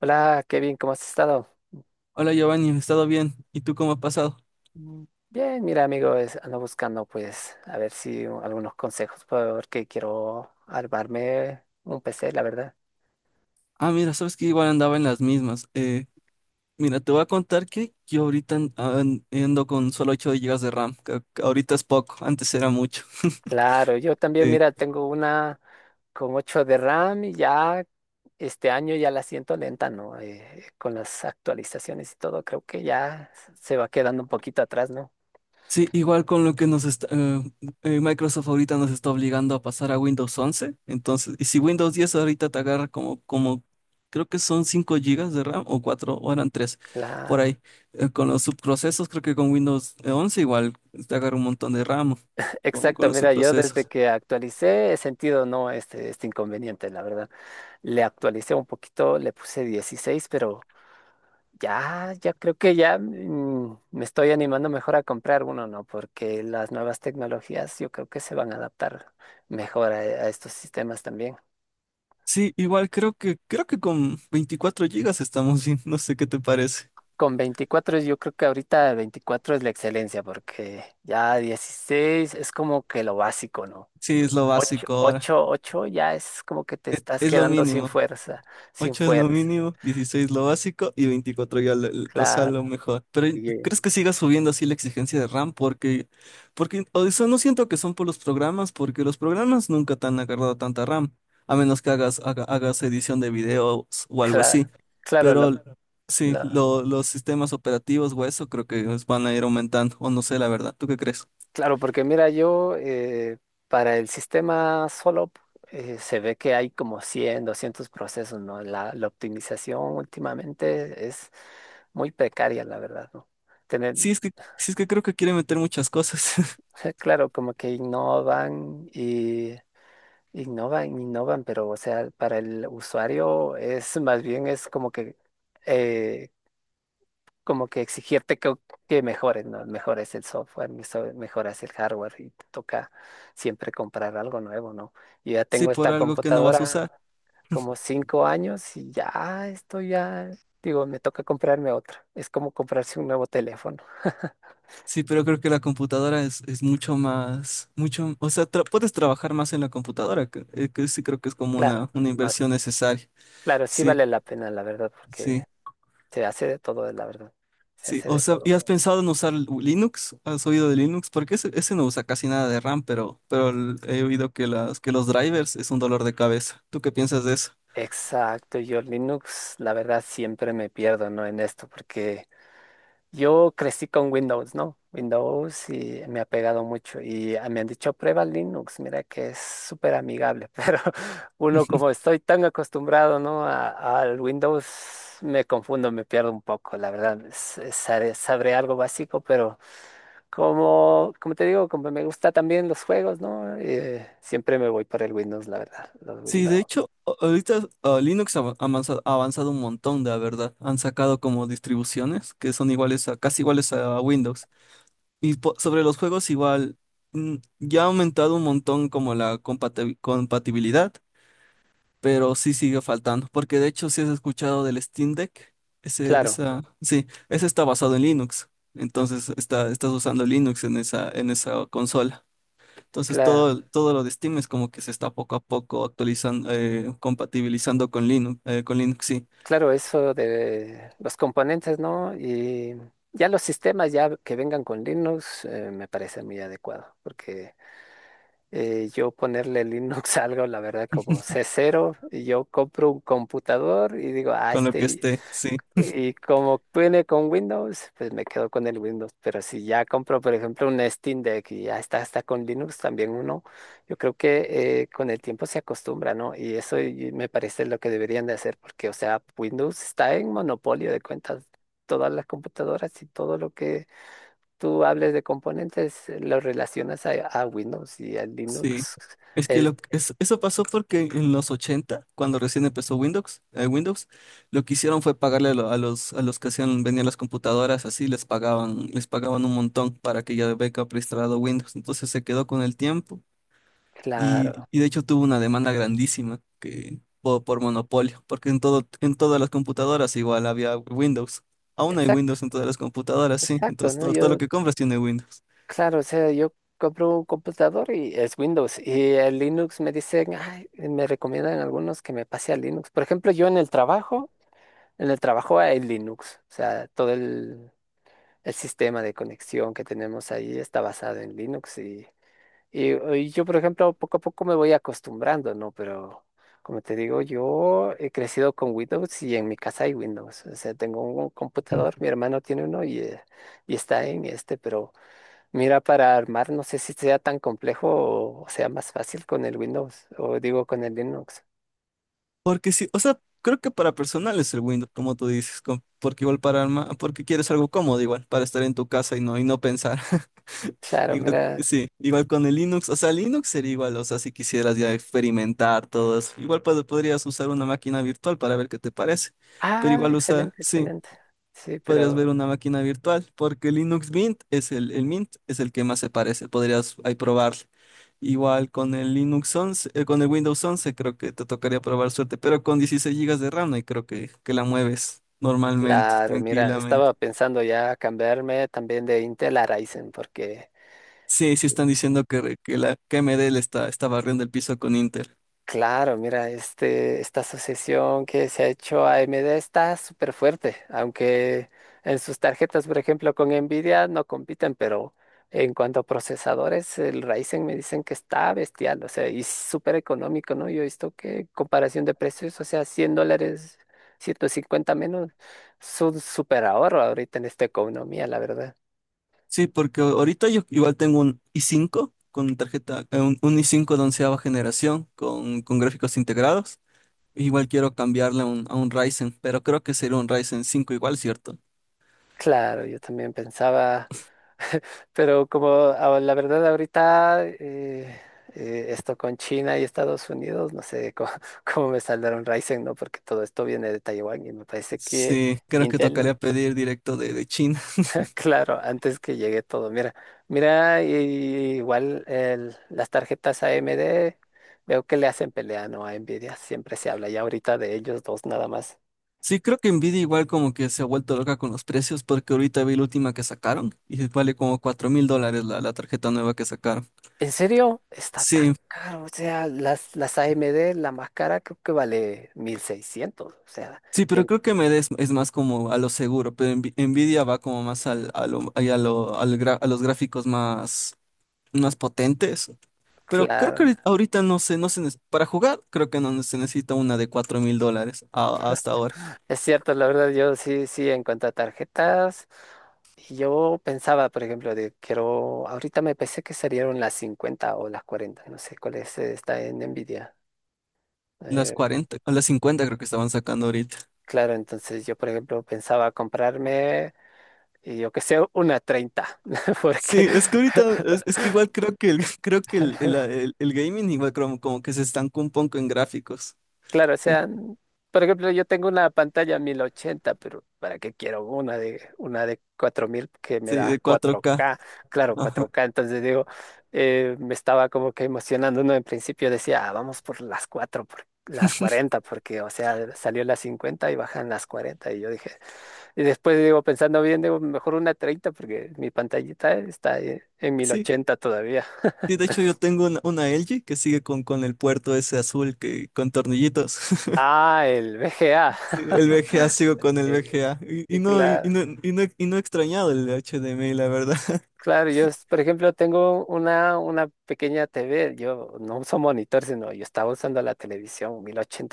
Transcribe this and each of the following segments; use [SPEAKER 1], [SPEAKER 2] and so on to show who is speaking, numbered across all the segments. [SPEAKER 1] Hola, Kevin, ¿cómo has estado?
[SPEAKER 2] Hola Giovanni, he estado bien. ¿Y tú cómo has pasado?
[SPEAKER 1] Bien, mira, amigo, ando buscando, pues, a ver si algunos consejos, porque quiero armarme un PC, la verdad.
[SPEAKER 2] Ah, mira, sabes que igual andaba en las mismas. Mira, te voy a contar que yo ahorita ando con solo 8 gigas de RAM, que ahorita es poco, antes era mucho.
[SPEAKER 1] Claro, yo también, mira, tengo una con 8 de RAM y ya este año ya la siento lenta, ¿no? Con las actualizaciones y todo, creo que ya se va quedando un poquito atrás, ¿no?
[SPEAKER 2] Sí, igual con lo que nos está, Microsoft ahorita nos está obligando a pasar a Windows 11. Entonces, y si Windows 10 ahorita te agarra como creo que son 5 gigas de RAM o 4 o eran 3 por
[SPEAKER 1] Claro,
[SPEAKER 2] ahí. Con los subprocesos, creo que con Windows 11 igual te agarra un montón de RAM con
[SPEAKER 1] exacto,
[SPEAKER 2] los
[SPEAKER 1] mira, yo desde
[SPEAKER 2] subprocesos.
[SPEAKER 1] que actualicé he sentido, no, este inconveniente, la verdad. Le actualicé un poquito, le puse 16, pero ya creo que ya me estoy animando mejor a comprar uno, ¿no? Porque las nuevas tecnologías yo creo que se van a adaptar mejor a estos sistemas también.
[SPEAKER 2] Sí, creo que con 24 gigas estamos bien. No sé qué te parece.
[SPEAKER 1] Con 24 yo creo que ahorita 24 es la excelencia, porque ya 16 es como que lo básico, ¿no?
[SPEAKER 2] Sí, es lo básico ahora.
[SPEAKER 1] 8 ya es como que te estás
[SPEAKER 2] Es lo
[SPEAKER 1] quedando sin
[SPEAKER 2] mínimo.
[SPEAKER 1] fuerza, sin
[SPEAKER 2] Ocho es lo
[SPEAKER 1] fuerza.
[SPEAKER 2] mínimo, 16 lo básico y 24 ya
[SPEAKER 1] Claro.
[SPEAKER 2] lo mejor. Pero
[SPEAKER 1] Oye,
[SPEAKER 2] ¿crees que siga subiendo así la exigencia de RAM? Porque o sea, no siento que son por los programas, porque los programas nunca te han agarrado tanta RAM, a menos que hagas edición de videos o algo
[SPEAKER 1] claro,
[SPEAKER 2] así.
[SPEAKER 1] claro,
[SPEAKER 2] Pero claro. Sí,
[SPEAKER 1] lo-
[SPEAKER 2] los sistemas operativos o eso creo que os van a ir aumentando, o no sé, la verdad. ¿Tú qué crees?
[SPEAKER 1] claro, porque mira, yo para el sistema solo se ve que hay como 100, 200 procesos, ¿no? La optimización últimamente es muy precaria, la verdad, ¿no? Tener,
[SPEAKER 2] Sí, es que, sí, es que creo que quiere meter muchas cosas.
[SPEAKER 1] claro, como que innovan y innovan, pero o sea, para el usuario es más bien es eh, como que exigirte que mejores, ¿no? Mejores el software, mejoras el hardware y te toca siempre comprar algo nuevo, ¿no? Yo ya
[SPEAKER 2] Sí,
[SPEAKER 1] tengo
[SPEAKER 2] por
[SPEAKER 1] esta
[SPEAKER 2] algo que no vas a
[SPEAKER 1] computadora
[SPEAKER 2] usar.
[SPEAKER 1] como 5 años y ya estoy ya, digo, me toca comprarme otra. Es como comprarse un nuevo teléfono.
[SPEAKER 2] Sí, pero creo que la computadora es mucho más, mucho, o sea, puedes trabajar más en la computadora, que sí creo que es como
[SPEAKER 1] Claro,
[SPEAKER 2] una
[SPEAKER 1] no
[SPEAKER 2] inversión
[SPEAKER 1] es-
[SPEAKER 2] necesaria.
[SPEAKER 1] claro, sí
[SPEAKER 2] Sí,
[SPEAKER 1] vale la pena, la verdad,
[SPEAKER 2] sí,
[SPEAKER 1] porque se hace de todo, la verdad. Se
[SPEAKER 2] sí.
[SPEAKER 1] hace
[SPEAKER 2] O
[SPEAKER 1] de
[SPEAKER 2] sea,
[SPEAKER 1] todo.
[SPEAKER 2] ¿y has pensado en usar Linux? ¿Has oído de Linux? Porque ese no usa casi nada de RAM, pero, pero he oído que que los drivers es un dolor de cabeza. ¿Tú qué piensas de eso?
[SPEAKER 1] Exacto, yo Linux, la verdad, siempre me pierdo, ¿no? En esto, porque yo crecí con Windows, ¿no? Windows, y me ha pegado mucho. Y ah, me han dicho, prueba Linux, mira que es súper amigable, pero uno como estoy tan acostumbrado, ¿no? Al Windows me confundo, me pierdo un poco, la verdad. Sabré, sabré algo básico, pero como, como te digo, como me gusta también los juegos, ¿no? Siempre me voy por el Windows, la verdad. Los
[SPEAKER 2] Sí, de
[SPEAKER 1] Windows.
[SPEAKER 2] hecho, ahorita Linux ha ha avanzado un montón, la verdad. Han sacado como distribuciones que son iguales a, casi iguales a Windows. Y sobre los juegos igual, ya ha aumentado un montón como la compatibilidad, pero sí sigue faltando, porque de hecho si has escuchado del Steam Deck,
[SPEAKER 1] Claro,
[SPEAKER 2] ese está basado en Linux, entonces estás usando Linux en esa consola. Entonces
[SPEAKER 1] claro.
[SPEAKER 2] todo lo de Steam es como que se está poco a poco actualizando, compatibilizando con Linux, sí,
[SPEAKER 1] Claro, eso de los componentes, ¿no? Y ya los sistemas ya que vengan con Linux me parece muy adecuado, porque yo ponerle Linux a algo, la verdad, como C0, y yo compro un computador y digo, ah,
[SPEAKER 2] con lo que
[SPEAKER 1] este,
[SPEAKER 2] esté, sí.
[SPEAKER 1] y como viene con Windows, pues me quedo con el Windows. Pero si ya compro, por ejemplo, un Steam Deck y ya está, está con Linux también uno, yo creo que con el tiempo se acostumbra, ¿no? Y eso, y me parece lo que deberían de hacer, porque, o sea, Windows está en monopolio de cuentas. Todas las computadoras y todo lo que tú hables de componentes lo relacionas a Windows y a
[SPEAKER 2] Sí,
[SPEAKER 1] Linux.
[SPEAKER 2] es que
[SPEAKER 1] Es
[SPEAKER 2] lo, es- eso pasó porque en los 80 cuando recién empezó Windows, lo que hicieron fue pagarle a, a los que hacían, vendían las computadoras, así les pagaban un montón para que ya venga preinstalado Windows. Entonces se quedó con el tiempo
[SPEAKER 1] claro.
[SPEAKER 2] y de hecho tuvo una demanda grandísima por monopolio, porque en todo, en todas las computadoras igual había Windows. Aún hay
[SPEAKER 1] Exacto,
[SPEAKER 2] Windows en todas las computadoras, sí.
[SPEAKER 1] exacto,
[SPEAKER 2] Entonces
[SPEAKER 1] ¿no?
[SPEAKER 2] todo lo
[SPEAKER 1] Yo
[SPEAKER 2] que compras tiene Windows.
[SPEAKER 1] claro, o sea, yo compro un computador y es Windows, y el Linux me dicen, "Ay", me recomiendan algunos que me pase a Linux. Por ejemplo, yo en el trabajo hay Linux, o sea, todo el sistema de conexión que tenemos ahí está basado en Linux, y yo, por ejemplo, poco a poco me voy acostumbrando, ¿no? Pero como te digo, yo he crecido con Windows y en mi casa hay Windows, o sea, tengo un computador, mi hermano tiene uno, y está en este, pero... Mira, para armar, no sé si sea tan complejo o sea más fácil con el Windows, o digo con el Linux.
[SPEAKER 2] Porque sí, o sea, creo que para personal es el Windows, como tú dices, porque igual para alma, porque quieres algo cómodo igual, para estar en tu casa y no pensar.
[SPEAKER 1] Claro,
[SPEAKER 2] Igual,
[SPEAKER 1] mira.
[SPEAKER 2] sí, igual con el Linux, o sea, Linux sería igual, o sea, si quisieras ya experimentar todo eso, igual podrías usar una máquina virtual para ver qué te parece, pero
[SPEAKER 1] Ah,
[SPEAKER 2] igual usar,
[SPEAKER 1] excelente,
[SPEAKER 2] sí
[SPEAKER 1] excelente. Sí,
[SPEAKER 2] podrías ver
[SPEAKER 1] pero
[SPEAKER 2] una máquina virtual, porque Linux Mint es el Mint es el que más se parece, podrías ahí probar. Igual con el Linux 11 con el Windows 11 creo que te tocaría probar suerte, pero con 16 gigas de RAM y creo que la mueves normalmente,
[SPEAKER 1] claro, mira,
[SPEAKER 2] tranquilamente.
[SPEAKER 1] estaba pensando ya cambiarme también de Intel a Ryzen, porque
[SPEAKER 2] Sí, sí están diciendo que, re- que la que AMD le está, está barriendo el piso con Intel.
[SPEAKER 1] claro, mira, este, esta asociación que se ha hecho a AMD está súper fuerte, aunque en sus tarjetas, por ejemplo, con Nvidia no compiten, pero en cuanto a procesadores, el Ryzen me dicen que está bestial, o sea, y súper económico, ¿no? Yo he visto que en comparación de precios, o sea, $100, 150 menos, es un súper ahorro ahorita en esta economía, la verdad.
[SPEAKER 2] Sí, porque ahorita yo igual tengo un i5 con tarjeta, un i5 de onceava generación con gráficos integrados. Igual quiero cambiarle a un Ryzen, pero creo que sería un Ryzen 5 igual, ¿cierto?
[SPEAKER 1] Claro, yo también pensaba... Pero como la verdad ahorita esto con China y Estados Unidos, no sé cómo, cómo me saldrá un Ryzen, ¿no? Porque todo esto viene de Taiwán y me parece que
[SPEAKER 2] Sí, creo que tocaría
[SPEAKER 1] Intel,
[SPEAKER 2] pedir directo de China.
[SPEAKER 1] claro, antes que llegue todo, mira, mira, y igual las tarjetas AMD, veo que le hacen pelea, ¿no? A Nvidia, siempre se habla ya ahorita de ellos dos nada más.
[SPEAKER 2] Sí, creo que Nvidia igual como que se ha vuelto loca con los precios porque ahorita vi la última que sacaron y vale como 4 mil dólares la tarjeta nueva que sacaron.
[SPEAKER 1] ¿En serio? Está tan
[SPEAKER 2] Sí,
[SPEAKER 1] caro. O sea, las AMD, la más cara, creo que vale 1600. O sea,
[SPEAKER 2] sí,
[SPEAKER 1] y
[SPEAKER 2] pero
[SPEAKER 1] en-
[SPEAKER 2] creo que es más como a lo seguro, pero Nvidia va como más al, a lo, ahí a lo- al gra- a los gráficos más más potentes. Pero creo que
[SPEAKER 1] claro.
[SPEAKER 2] ahorita no se, no se, nece- para jugar, creo que no se necesita una de 4 mil dólares hasta ahora.
[SPEAKER 1] Es cierto, la verdad, yo sí, sí, en cuanto a tarjetas, yo pensaba, por ejemplo, de quiero. Ahorita me pensé que salieron las 50 o las 40. No sé cuál es, está en Nvidia.
[SPEAKER 2] Las
[SPEAKER 1] Eh,
[SPEAKER 2] 40 o las 50 creo que estaban sacando ahorita.
[SPEAKER 1] claro, entonces yo, por ejemplo, pensaba comprarme, y yo que sé, una 30 porque.
[SPEAKER 2] Sí, es que ahorita, es que igual creo que el, creo que el gaming igual como que se estancó un poco en gráficos.
[SPEAKER 1] Claro, o sea, por ejemplo, yo tengo una pantalla 1080, pero ¿para qué quiero una de 4000 que me
[SPEAKER 2] Sí,
[SPEAKER 1] da
[SPEAKER 2] de cuatro
[SPEAKER 1] cuatro
[SPEAKER 2] k.
[SPEAKER 1] k Claro, cuatro
[SPEAKER 2] Ajá.
[SPEAKER 1] k Entonces digo, me estaba como que emocionando, ¿no? En principio decía, "Ah, vamos por las 4, por las 40, porque, o sea, salió las 50 y bajan las 40". Y yo dije, y después digo, pensando bien, digo, mejor una 30, porque mi pantallita está en mil
[SPEAKER 2] Sí.
[SPEAKER 1] ochenta todavía.
[SPEAKER 2] Sí, de hecho yo tengo una LG que sigue con el puerto ese azul que con tornillitos.
[SPEAKER 1] Ah, el VGA.
[SPEAKER 2] Sí, el VGA sigo con el
[SPEAKER 1] Eh,
[SPEAKER 2] VGA. Y
[SPEAKER 1] sí,
[SPEAKER 2] no, y
[SPEAKER 1] claro.
[SPEAKER 2] no, y no, y no he extrañado el HDMI, la verdad.
[SPEAKER 1] Claro, yo, por ejemplo, tengo una pequeña TV, yo no uso monitor, sino yo estaba usando la televisión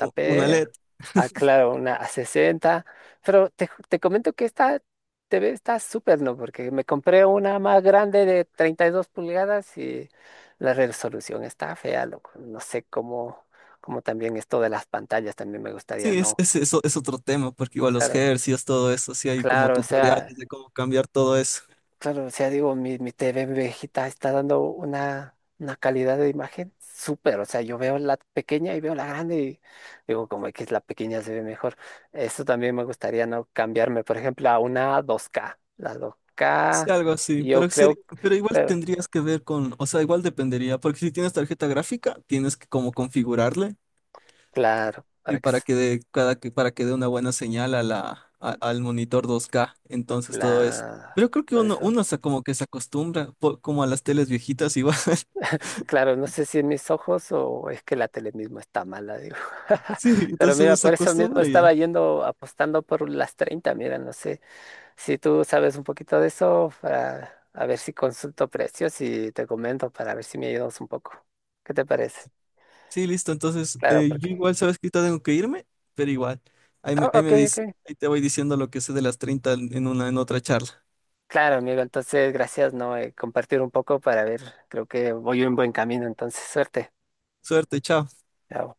[SPEAKER 2] Una LED.
[SPEAKER 1] ah, claro, una a 60, pero te, te comento que esta TV está súper, ¿no? Porque me compré una más grande de 32 pulgadas y la resolución está fea, loco. No sé cómo, cómo también esto de las pantallas también me gustaría,
[SPEAKER 2] Sí,
[SPEAKER 1] ¿no?
[SPEAKER 2] eso es otro tema, porque igual los
[SPEAKER 1] Claro,
[SPEAKER 2] hercios, todo eso, sí hay como
[SPEAKER 1] claro, o sea,
[SPEAKER 2] tutoriales de cómo cambiar todo eso.
[SPEAKER 1] claro, o sea, digo, mi TV viejita está dando una calidad de imagen súper. O sea, yo veo la pequeña y veo la grande y digo, como que es la pequeña se ve mejor. Eso también me gustaría, no cambiarme, por ejemplo, a una 2K. La
[SPEAKER 2] Sí,
[SPEAKER 1] 2K,
[SPEAKER 2] algo así,
[SPEAKER 1] yo
[SPEAKER 2] pero,
[SPEAKER 1] creo,
[SPEAKER 2] pero igual
[SPEAKER 1] claro,
[SPEAKER 2] tendrías que ver con, o sea, igual dependería, porque si tienes tarjeta gráfica, tienes que como configurarle
[SPEAKER 1] claro,
[SPEAKER 2] y para que dé cada que para que dé una buena señal a la al monitor 2K, entonces todo eso.
[SPEAKER 1] la,
[SPEAKER 2] Pero creo que
[SPEAKER 1] por
[SPEAKER 2] uno
[SPEAKER 1] eso,
[SPEAKER 2] uno se como que se acostumbra como a las teles viejitas igual.
[SPEAKER 1] claro, no sé si en mis ojos o es que la tele mismo está mala, digo.
[SPEAKER 2] Sí,
[SPEAKER 1] Pero
[SPEAKER 2] entonces
[SPEAKER 1] mira,
[SPEAKER 2] uno se
[SPEAKER 1] por eso mismo
[SPEAKER 2] acostumbra
[SPEAKER 1] estaba
[SPEAKER 2] ya.
[SPEAKER 1] yendo apostando por las 30, mira, no sé. Si tú sabes un poquito de eso, para a ver si consulto precios y te comento para ver si me ayudas un poco. ¿Qué te parece?
[SPEAKER 2] Sí, listo. Entonces,
[SPEAKER 1] Claro,
[SPEAKER 2] yo
[SPEAKER 1] porque...
[SPEAKER 2] igual sabes que ahorita tengo que irme, pero igual.
[SPEAKER 1] Ah,
[SPEAKER 2] Ahí
[SPEAKER 1] ok,
[SPEAKER 2] me dice,
[SPEAKER 1] ok.
[SPEAKER 2] ahí te voy diciendo lo que sé de las 30 en otra charla.
[SPEAKER 1] Claro, amigo, entonces gracias, ¿no? Compartir un poco para ver, creo que voy en buen camino, entonces suerte.
[SPEAKER 2] Suerte, chao.
[SPEAKER 1] Chao.